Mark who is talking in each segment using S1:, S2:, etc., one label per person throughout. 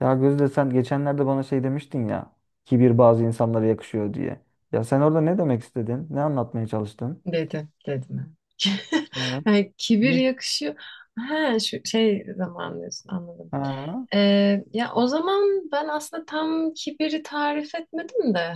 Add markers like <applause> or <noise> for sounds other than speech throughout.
S1: Ya Gözde sen geçenlerde bana şey demiştin ya. Kibir bazı insanlara yakışıyor diye. Ya sen orada ne demek istedin? Ne anlatmaya çalıştın?
S2: Dedim, dedim. <laughs>
S1: Evet.
S2: Yani kibir
S1: Hı.
S2: yakışıyor. Ha, şu şey zaman diyorsun, anladım.
S1: Ha,
S2: Ya o zaman ben aslında tam kibiri tarif etmedim de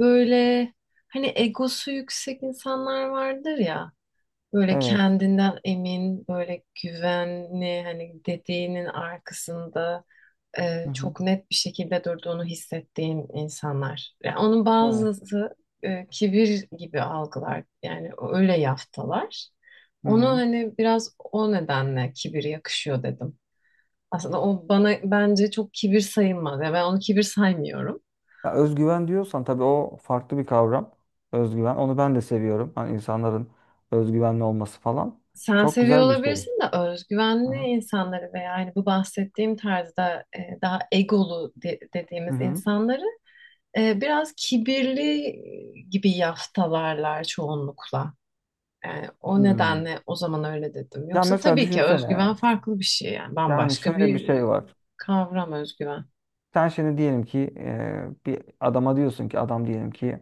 S2: böyle hani egosu yüksek insanlar vardır ya, böyle
S1: evet.
S2: kendinden emin, böyle güvenli, hani dediğinin arkasında
S1: Hı hı.
S2: çok net bir şekilde durduğunu hissettiğim insanlar. Yani onun
S1: Evet.
S2: bazısı kibir gibi algılar. Yani öyle yaftalar.
S1: Hı
S2: Onu
S1: hı.
S2: hani biraz o nedenle kibir yakışıyor dedim. Aslında o bana bence çok kibir sayılmaz. Yani ben onu kibir saymıyorum.
S1: Ya özgüven diyorsan tabii o farklı bir kavram. Özgüven. Onu ben de seviyorum. Hani insanların özgüvenli olması falan.
S2: Sen
S1: Çok
S2: seviyor
S1: güzel bir şey.
S2: olabilirsin de
S1: Hı
S2: özgüvenli
S1: hı.
S2: insanları veya yani bu bahsettiğim tarzda daha
S1: Hı
S2: dediğimiz
S1: hı.
S2: insanları biraz kibirli gibi yaftalarlar çoğunlukla. Yani o
S1: Hmm.
S2: nedenle o zaman öyle dedim.
S1: Ya
S2: Yoksa
S1: mesela
S2: tabii ki özgüven
S1: düşünsene.
S2: farklı bir şey, yani
S1: Yani
S2: bambaşka
S1: şöyle bir
S2: bir
S1: şey var.
S2: kavram özgüven.
S1: Sen şimdi diyelim ki bir adama diyorsun ki adam diyelim ki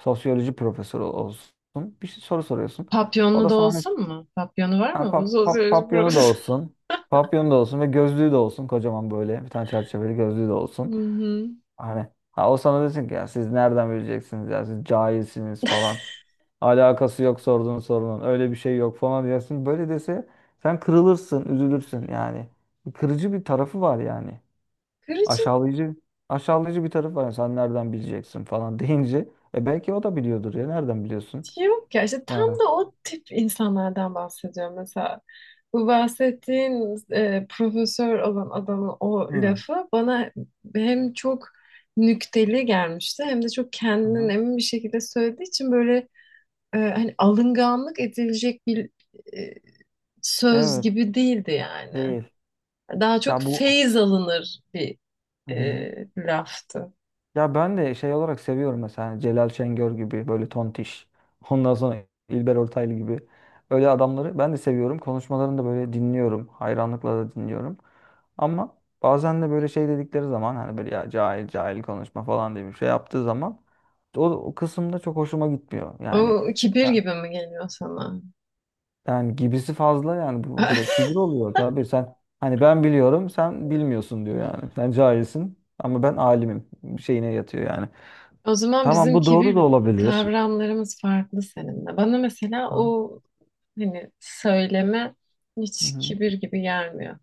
S1: sosyoloji profesörü olsun. Bir şey soru soruyorsun. O
S2: Papyonlu
S1: da
S2: da
S1: sana hiç-
S2: olsun mu? Papyonu var mı bu sosyoloji
S1: papyonu da
S2: profesörü?
S1: olsun. Papyonu da olsun ve gözlüğü de olsun. Kocaman böyle bir tane çerçeveli gözlüğü de
S2: <laughs>
S1: olsun.
S2: Hı hı.
S1: Hani ha, o sana desin ki ya siz nereden bileceksiniz ya siz cahilsiniz falan. Alakası yok sorduğun sorunun. Öyle bir şey yok falan diyorsun. Böyle dese sen kırılırsın, üzülürsün yani. Kırıcı bir tarafı var yani.
S2: Kırıcı
S1: Aşağılayıcı aşağılayıcı bir taraf var. Yani sen nereden bileceksin falan <laughs> deyince e belki o da biliyordur ya. Nereden biliyorsun?
S2: yok ya, işte tam
S1: Ya.
S2: da o tip insanlardan bahsediyorum mesela. Bu bahsettiğin profesör olan adamın o
S1: Hı.
S2: lafı bana hem çok nükteli gelmişti, hem de çok kendinden
S1: Hı.
S2: emin bir şekilde söylediği için böyle hani alınganlık edilecek bir e, söz
S1: Evet,
S2: gibi değildi yani.
S1: değil.
S2: Daha çok
S1: Ya bu.
S2: feyz alınır bir
S1: Hı hı.
S2: laftı.
S1: Ya ben de şey olarak seviyorum mesela hani Celal Şengör gibi böyle tontiş. Ondan sonra İlber Ortaylı gibi öyle adamları ben de seviyorum. Konuşmalarını da böyle dinliyorum. Hayranlıkla da dinliyorum. Ama bazen de böyle şey dedikleri zaman hani böyle ya cahil cahil konuşma falan diye bir şey yaptığı zaman o kısımda çok hoşuma gitmiyor.
S2: O
S1: Yani.
S2: kibir
S1: Ha.
S2: gibi mi geliyor sana?
S1: Yani gibisi fazla yani bu direkt kibir
S2: <laughs>
S1: oluyor tabii sen hani ben biliyorum sen bilmiyorsun diyor yani. Sen cahilsin ama ben alimim şeyine yatıyor yani.
S2: O zaman
S1: Tamam
S2: bizim
S1: bu doğru da
S2: kibir
S1: olabilir.
S2: kavramlarımız farklı seninle. Bana mesela
S1: Aha,
S2: o hani söyleme
S1: hı
S2: hiç
S1: hı.
S2: kibir gibi gelmiyor.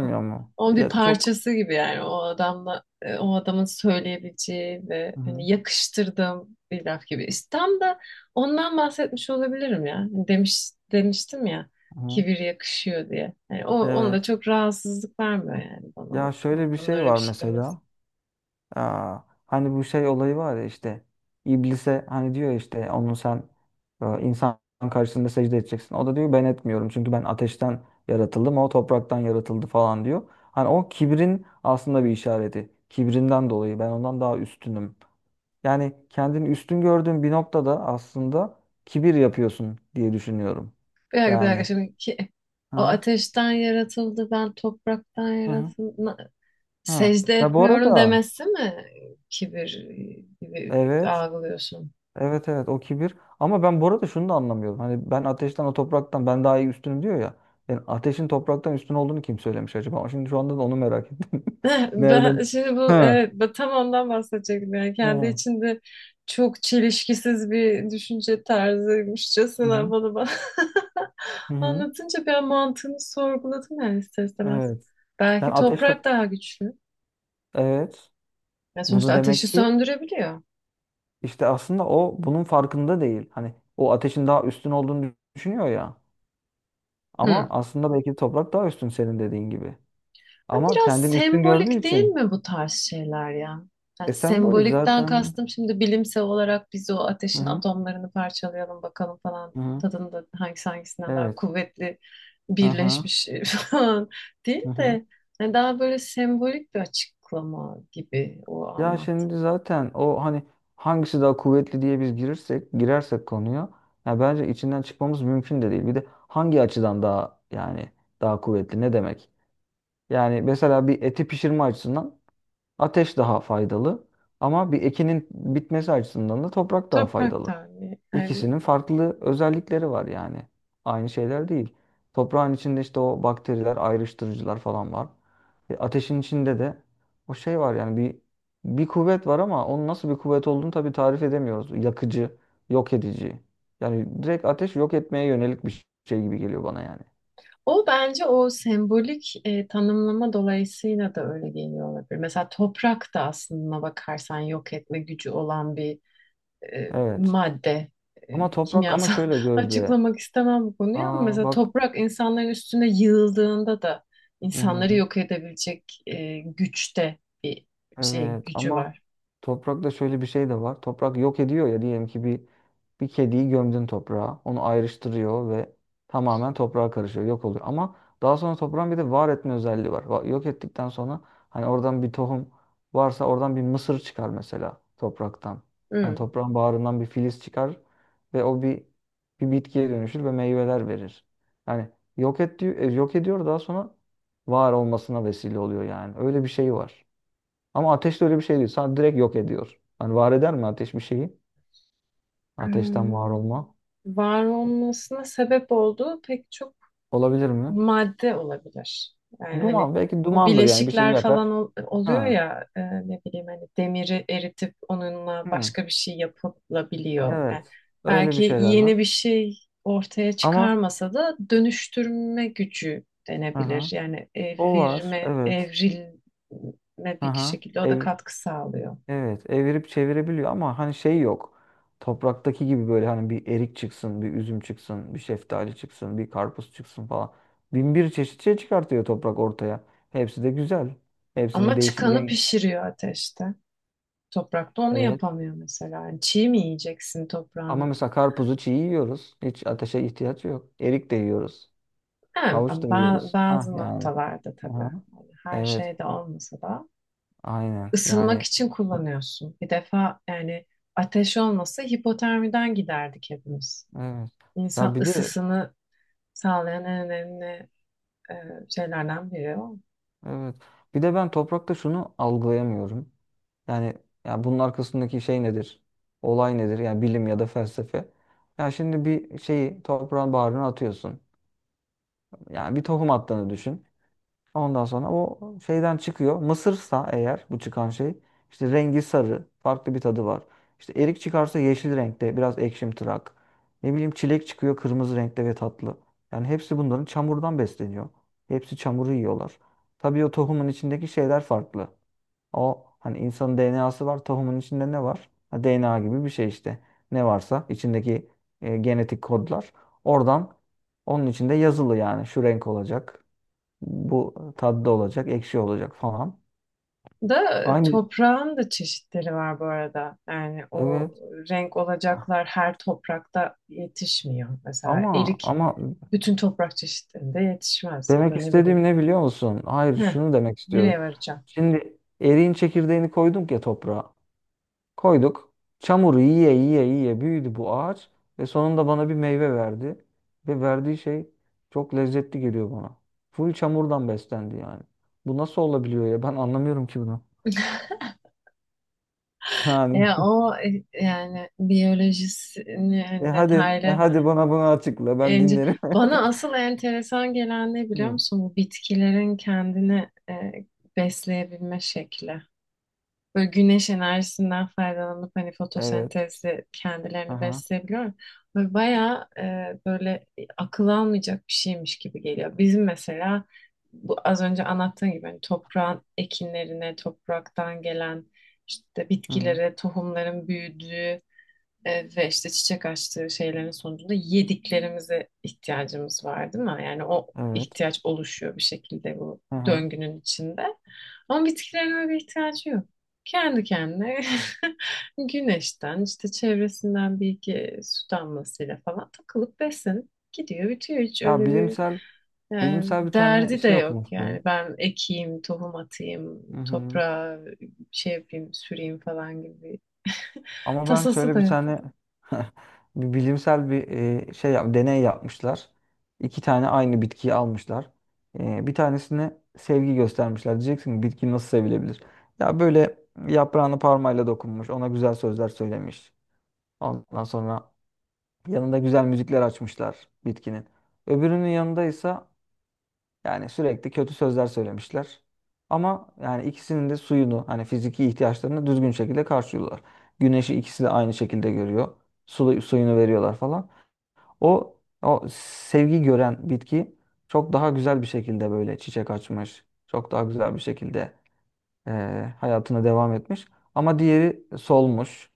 S2: O-
S1: mu?
S2: Onun bir
S1: Ya çok.
S2: parçası gibi, yani o adamla, o adamın söyleyebileceği ve
S1: Hı hı.
S2: hani yakıştırdığım bir laf gibi. İşte tam da ondan bahsetmiş olabilirim ya. Hani demiştim ya
S1: Hı hı.
S2: kibir yakışıyor diye. Yani o onda
S1: Evet.
S2: çok rahatsızlık vermiyor yani, bana o
S1: Ya
S2: o
S1: şöyle bir
S2: adamın
S1: şey
S2: öyle bir
S1: var
S2: şey demesi.
S1: mesela. Aa, hani bu şey olayı var ya işte iblise hani diyor işte onu sen insan karşısında secde edeceksin. O da diyor ben etmiyorum çünkü ben ateşten yaratıldım o topraktan yaratıldı falan diyor. Hani o kibrin aslında bir işareti. Kibrinden dolayı ben ondan daha üstünüm. Yani kendini üstün gördüğün bir noktada aslında kibir yapıyorsun diye düşünüyorum.
S2: Bir dakika, bir dakika,
S1: Yani.
S2: şimdi ki,
S1: Hı
S2: o
S1: hı.
S2: ateşten yaratıldı, ben topraktan
S1: Hı hı.
S2: yaratıldım.
S1: Hı.
S2: Secde
S1: Ya bu
S2: etmiyorum
S1: arada
S2: demesi mi kibir gibi
S1: evet.
S2: algılıyorsun?
S1: Evet evet o kibir. Ama ben bu arada şunu da anlamıyorum. Hani ben ateşten o topraktan ben daha iyi üstünüm diyor ya. Yani ateşin topraktan üstün olduğunu kim söylemiş acaba? Ama şimdi şu anda da onu merak ettim. <laughs>
S2: <laughs> Ben
S1: Nereden?
S2: şimdi bu,
S1: Ha.
S2: evet, ben tam ondan bahsedecektim, yani
S1: He.
S2: kendi
S1: Hı
S2: içinde çok çelişkisiz bir düşünce tarzıymışçasına
S1: hı.
S2: bana bak. <laughs>
S1: Hı hı.
S2: Anlatınca ben mantığını sorguladım yani ister istemez.
S1: Evet. Yani
S2: Belki
S1: ateşten
S2: toprak daha güçlü.
S1: evet.
S2: Ya sonuçta
S1: Bunu demek
S2: ateşi
S1: ki
S2: söndürebiliyor.
S1: işte aslında o bunun farkında değil. Hani o ateşin daha üstün olduğunu düşünüyor ya. Ama
S2: Hı.
S1: aslında belki de toprak daha üstün senin dediğin gibi. Ama
S2: Biraz
S1: kendini üstün gördüğü
S2: sembolik değil
S1: için
S2: mi bu tarz şeyler ya?
S1: e
S2: Yani
S1: sembolik
S2: sembolikten
S1: zaten.
S2: kastım, şimdi bilimsel olarak biz o
S1: Hı
S2: ateşin
S1: hı.
S2: atomlarını parçalayalım bakalım falan
S1: Hı hı.
S2: tadında hangisi hangisinden daha
S1: Evet.
S2: kuvvetli
S1: Hı hı,
S2: birleşmiş <laughs> falan değil
S1: hı hı.
S2: de, yani daha böyle sembolik bir açıklama gibi o
S1: Ya
S2: anlat.
S1: şimdi zaten o hani hangisi daha kuvvetli diye biz girersek konuya ya bence içinden çıkmamız mümkün de değil. Bir de hangi açıdan daha yani daha kuvvetli ne demek? Yani mesela bir eti pişirme açısından ateş daha faydalı ama bir ekinin bitmesi açısından da toprak daha
S2: Toprak
S1: faydalı.
S2: Tanrı. Yani
S1: İkisinin farklı özellikleri var yani. Aynı şeyler değil. Toprağın içinde işte o bakteriler, ayrıştırıcılar falan var. E, ateşin içinde de o şey var yani bir kuvvet var ama onun nasıl bir kuvvet olduğunu tabii tarif edemiyoruz. Yakıcı, yok edici. Yani direkt ateş yok etmeye yönelik bir şey gibi geliyor bana yani.
S2: o bence o sembolik tanımlama dolayısıyla da öyle geliyor olabilir. Mesela toprak da aslında bakarsan yok etme gücü olan bir
S1: Evet.
S2: madde,
S1: Ama toprak ama
S2: kimyasal
S1: şöyle
S2: <laughs>
S1: Gözde.
S2: açıklamak istemem bu konuyu, ama
S1: Aa
S2: mesela
S1: bak.
S2: toprak insanların üstüne yığıldığında da insanları
S1: Hı-hı.
S2: yok edebilecek güçte bir şey
S1: Evet
S2: gücü
S1: ama
S2: var.
S1: toprakta şöyle bir şey de var. Toprak yok ediyor ya diyelim ki bir. Bir kediyi gömdün toprağa. Onu ayrıştırıyor ve tamamen toprağa karışıyor. Yok oluyor. Ama daha sonra toprağın bir de var etme özelliği var. Yok ettikten sonra hani oradan bir tohum varsa oradan bir mısır çıkar mesela topraktan. Hani
S2: Hmm.
S1: toprağın bağrından bir filiz çıkar ve o bir bitkiye dönüşür ve meyveler verir. Yani yok et diyor, yok ediyor daha sonra var olmasına vesile oluyor yani. Öyle bir şey var. Ama ateş de öyle bir şey değil. Sadece direkt yok ediyor. Hani var eder mi ateş bir şeyi? Ateşten var
S2: Hmm.
S1: olma.
S2: Var olmasına sebep olduğu pek çok
S1: Olabilir mi?
S2: madde olabilir. Yani hani
S1: Duman. Belki
S2: bu
S1: dumandır yani. Bir şey
S2: bileşikler falan
S1: yakar.
S2: ol- oluyor
S1: Ha.
S2: ya, ne bileyim hani demiri eritip onunla
S1: Hı.
S2: başka bir şey yapılabiliyor. Yani
S1: Evet. Öyle bir
S2: belki
S1: şeyler var.
S2: yeni bir şey ortaya
S1: Ama
S2: çıkarmasa da dönüştürme gücü denebilir.
S1: aha,
S2: Yani
S1: o var.
S2: evirme,
S1: Evet.
S2: evrilme bir
S1: Aha.
S2: şekilde o da katkı sağlıyor.
S1: Evet. Evirip çevirebiliyor ama hani şey yok. Topraktaki gibi böyle hani bir erik çıksın, bir üzüm çıksın, bir şeftali çıksın, bir karpuz çıksın falan. Bin bir çeşit şey çıkartıyor toprak ortaya. Hepsi de güzel. Hepsinin
S2: Ama
S1: değişik
S2: çıkanı
S1: renk.
S2: pişiriyor ateşte. Toprakta onu
S1: Evet.
S2: yapamıyor mesela. Yani çiğ mi yiyeceksin
S1: Ama
S2: toprağın?
S1: mesela karpuzu çiğ yiyoruz. Hiç ateşe ihtiyaç yok. Erik de yiyoruz.
S2: Yani
S1: Havuç da yiyoruz.
S2: bazı
S1: Ha yani.
S2: noktalarda tabii.
S1: Aha.
S2: Yani her
S1: Evet.
S2: şeyde olmasa da
S1: Aynen.
S2: ısınmak
S1: Yani
S2: için kullanıyorsun. Bir defa yani ateş olmasa hipotermiden giderdik hepimiz.
S1: evet. Ya
S2: İnsan
S1: bir de
S2: ısısını sağlayan en önemli e, şeylerden biri o.
S1: evet. Bir de ben toprakta şunu algılayamıyorum. Yani ya bunun arkasındaki şey nedir? Olay nedir? Yani bilim ya da felsefe. Ya şimdi bir şeyi toprağın bağrına atıyorsun. Yani bir tohum attığını düşün. Ondan sonra o şeyden çıkıyor. Mısırsa eğer bu çıkan şey işte rengi sarı, farklı bir tadı var. İşte erik çıkarsa yeşil renkte, biraz ekşimtırak. Ne bileyim çilek çıkıyor kırmızı renkte ve tatlı. Yani hepsi bunların çamurdan besleniyor. Hepsi çamuru yiyorlar. Tabii o tohumun içindeki şeyler farklı. O hani insanın DNA'sı var, tohumun içinde ne var? Ha, DNA gibi bir şey işte. Ne varsa içindeki genetik kodlar oradan onun içinde yazılı yani şu renk olacak. Bu tatlı olacak, ekşi olacak falan.
S2: Da
S1: Aynı
S2: toprağın da çeşitleri var bu arada. Yani o
S1: evet.
S2: renk olacaklar her toprakta yetişmiyor. Mesela erik
S1: Ama
S2: bütün toprak çeşitlerinde yetişmez ya da
S1: demek
S2: ne
S1: istediğim
S2: bileyim.
S1: ne biliyor musun? Hayır,
S2: Heh,
S1: şunu demek istiyorum.
S2: Nereye varacağım?
S1: Şimdi eriğin çekirdeğini koyduk ya toprağa. Koyduk. Çamuru yiye yiye yiye büyüdü bu ağaç ve sonunda bana bir meyve verdi. Ve verdiği şey çok lezzetli geliyor bana. Full çamurdan beslendi yani. Bu nasıl olabiliyor ya? Ben anlamıyorum ki bunu. <laughs> Yani
S2: Ya o yani biyolojisini hani
S1: e
S2: detaylı
S1: hadi bana bunu açıkla ben
S2: Ence-
S1: dinlerim.
S2: bana asıl enteresan gelen ne
S1: <laughs>
S2: biliyor
S1: Hı.
S2: musun? Bu bitkilerin kendini besleyebilme şekli. Böyle güneş enerjisinden faydalanıp hani
S1: Evet.
S2: fotosentezle kendilerini
S1: Aha,
S2: besleyebiliyor. Böyle bayağı böyle akıl almayacak bir şeymiş gibi geliyor. Bizim mesela bu az önce anlattığım gibi hani toprağın ekinlerine, topraktan gelen işte
S1: hı hı, hı.
S2: bitkilere, tohumların büyüdüğü ve işte çiçek açtığı şeylerin sonucunda yediklerimize ihtiyacımız var değil mi? Yani o
S1: Evet.
S2: ihtiyaç oluşuyor bir şekilde bu
S1: Aha.
S2: döngünün içinde. Ama bitkilerin öyle bir ihtiyacı yok. Kendi kendine <laughs> güneşten, işte çevresinden bir iki su damlasıyla falan takılıp beslenip gidiyor, bitiyor. Hiç
S1: Ya
S2: öyle bir
S1: bilimsel
S2: e,
S1: Bilimsel bir tane
S2: derdi de
S1: şey
S2: yok yani.
S1: okumuştum.
S2: Ben ekeyim, tohum atayım,
S1: Hı hı.
S2: toprağa şey yapayım, süreyim falan gibi <laughs> bir
S1: Ama ben
S2: tasası
S1: şöyle
S2: da
S1: bir
S2: yok.
S1: tane <laughs> bir bilimsel bir deney yapmışlar. İki tane aynı bitkiyi almışlar. E, bir tanesine sevgi göstermişler. Diyeceksin ki bitki nasıl sevilebilir? Ya böyle yaprağını parmayla dokunmuş, ona güzel sözler söylemiş. Ondan sonra yanında güzel müzikler açmışlar bitkinin. Öbürünün yanında ise yani sürekli kötü sözler söylemişler. Ama yani ikisinin de suyunu hani fiziki ihtiyaçlarını düzgün şekilde karşılıyorlar. Güneşi ikisi de aynı şekilde görüyor. Su, suyunu veriyorlar falan. O o sevgi gören bitki çok daha güzel bir şekilde böyle çiçek açmış. Çok daha güzel bir şekilde hayatına devam etmiş. Ama diğeri solmuş.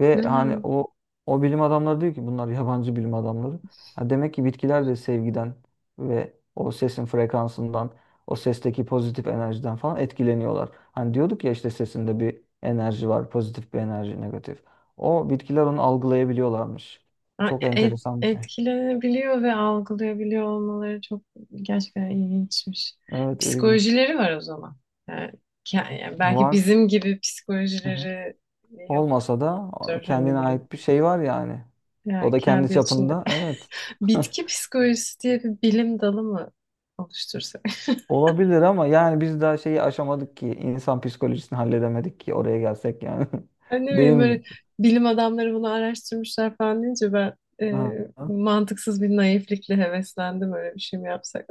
S1: Ve hani
S2: Yani
S1: o bilim adamları diyor ki bunlar yabancı bilim adamları. Ha demek ki bitkiler de sevgiden ve o sesin frekansından, o sesteki pozitif enerjiden falan etkileniyorlar. Hani diyorduk ya işte sesinde bir enerji var, pozitif bir enerji, negatif. O bitkiler onu algılayabiliyorlarmış.
S2: ha,
S1: Çok enteresan bir şey.
S2: etkilenebiliyor ve algılayabiliyor olmaları çok gerçekten ilginçmiş.
S1: Evet, ilginç.
S2: Psikolojileri var o zaman. Yani, yani belki
S1: Var.
S2: bizim gibi
S1: Hı hı.
S2: psikolojileri
S1: Olmasa
S2: yoktur.
S1: da
S2: Hani
S1: kendine
S2: böyle
S1: ait bir şey var yani. O
S2: yani
S1: da kendi
S2: kendi içinde.
S1: çapında. Evet.
S2: <laughs>
S1: <laughs>
S2: Bitki psikolojisi diye bir bilim dalı mı oluştursak? <laughs>
S1: Olabilir ama yani biz daha şeyi aşamadık ki. İnsan psikolojisini halledemedik ki oraya gelsek yani.
S2: Yani
S1: <laughs>
S2: ne
S1: Değil
S2: bileyim
S1: mi?
S2: böyle bilim adamları bunu araştırmışlar falan deyince ben
S1: Aha.
S2: e, mantıksız bir naiflikle heveslendim, öyle bir şey mi yapsak?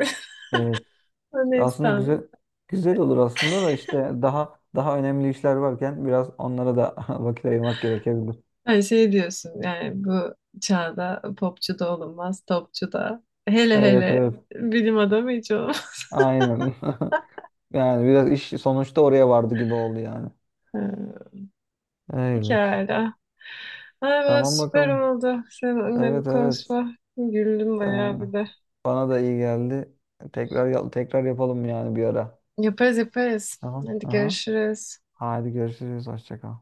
S1: Evet.
S2: <laughs> Neyse
S1: Aslında
S2: tamam.
S1: güzel güzel olur aslında da işte daha önemli işler varken biraz onlara da <laughs> vakit ayırmak gerekebilir.
S2: Yani şey diyorsun yani, bu çağda popçu da olunmaz, topçu da. Hele
S1: Evet
S2: hele
S1: evet.
S2: bilim adamı hiç olmaz. <laughs>
S1: Aynen. <laughs> Yani biraz iş sonuçta oraya vardı gibi oldu yani.
S2: Ee,
S1: Öyle.
S2: Pekala. Ay ben
S1: Tamam
S2: süper
S1: bakalım.
S2: oldu. Seninle bu
S1: Evet evet.
S2: konuşma. Güldüm
S1: Ee,
S2: bayağı bir de.
S1: bana da iyi geldi. Tekrar yapalım yani bir ara.
S2: Yaparız yaparız.
S1: Tamam.
S2: Hadi
S1: Aha.
S2: görüşürüz.
S1: Hadi görüşürüz. Hoşça kal.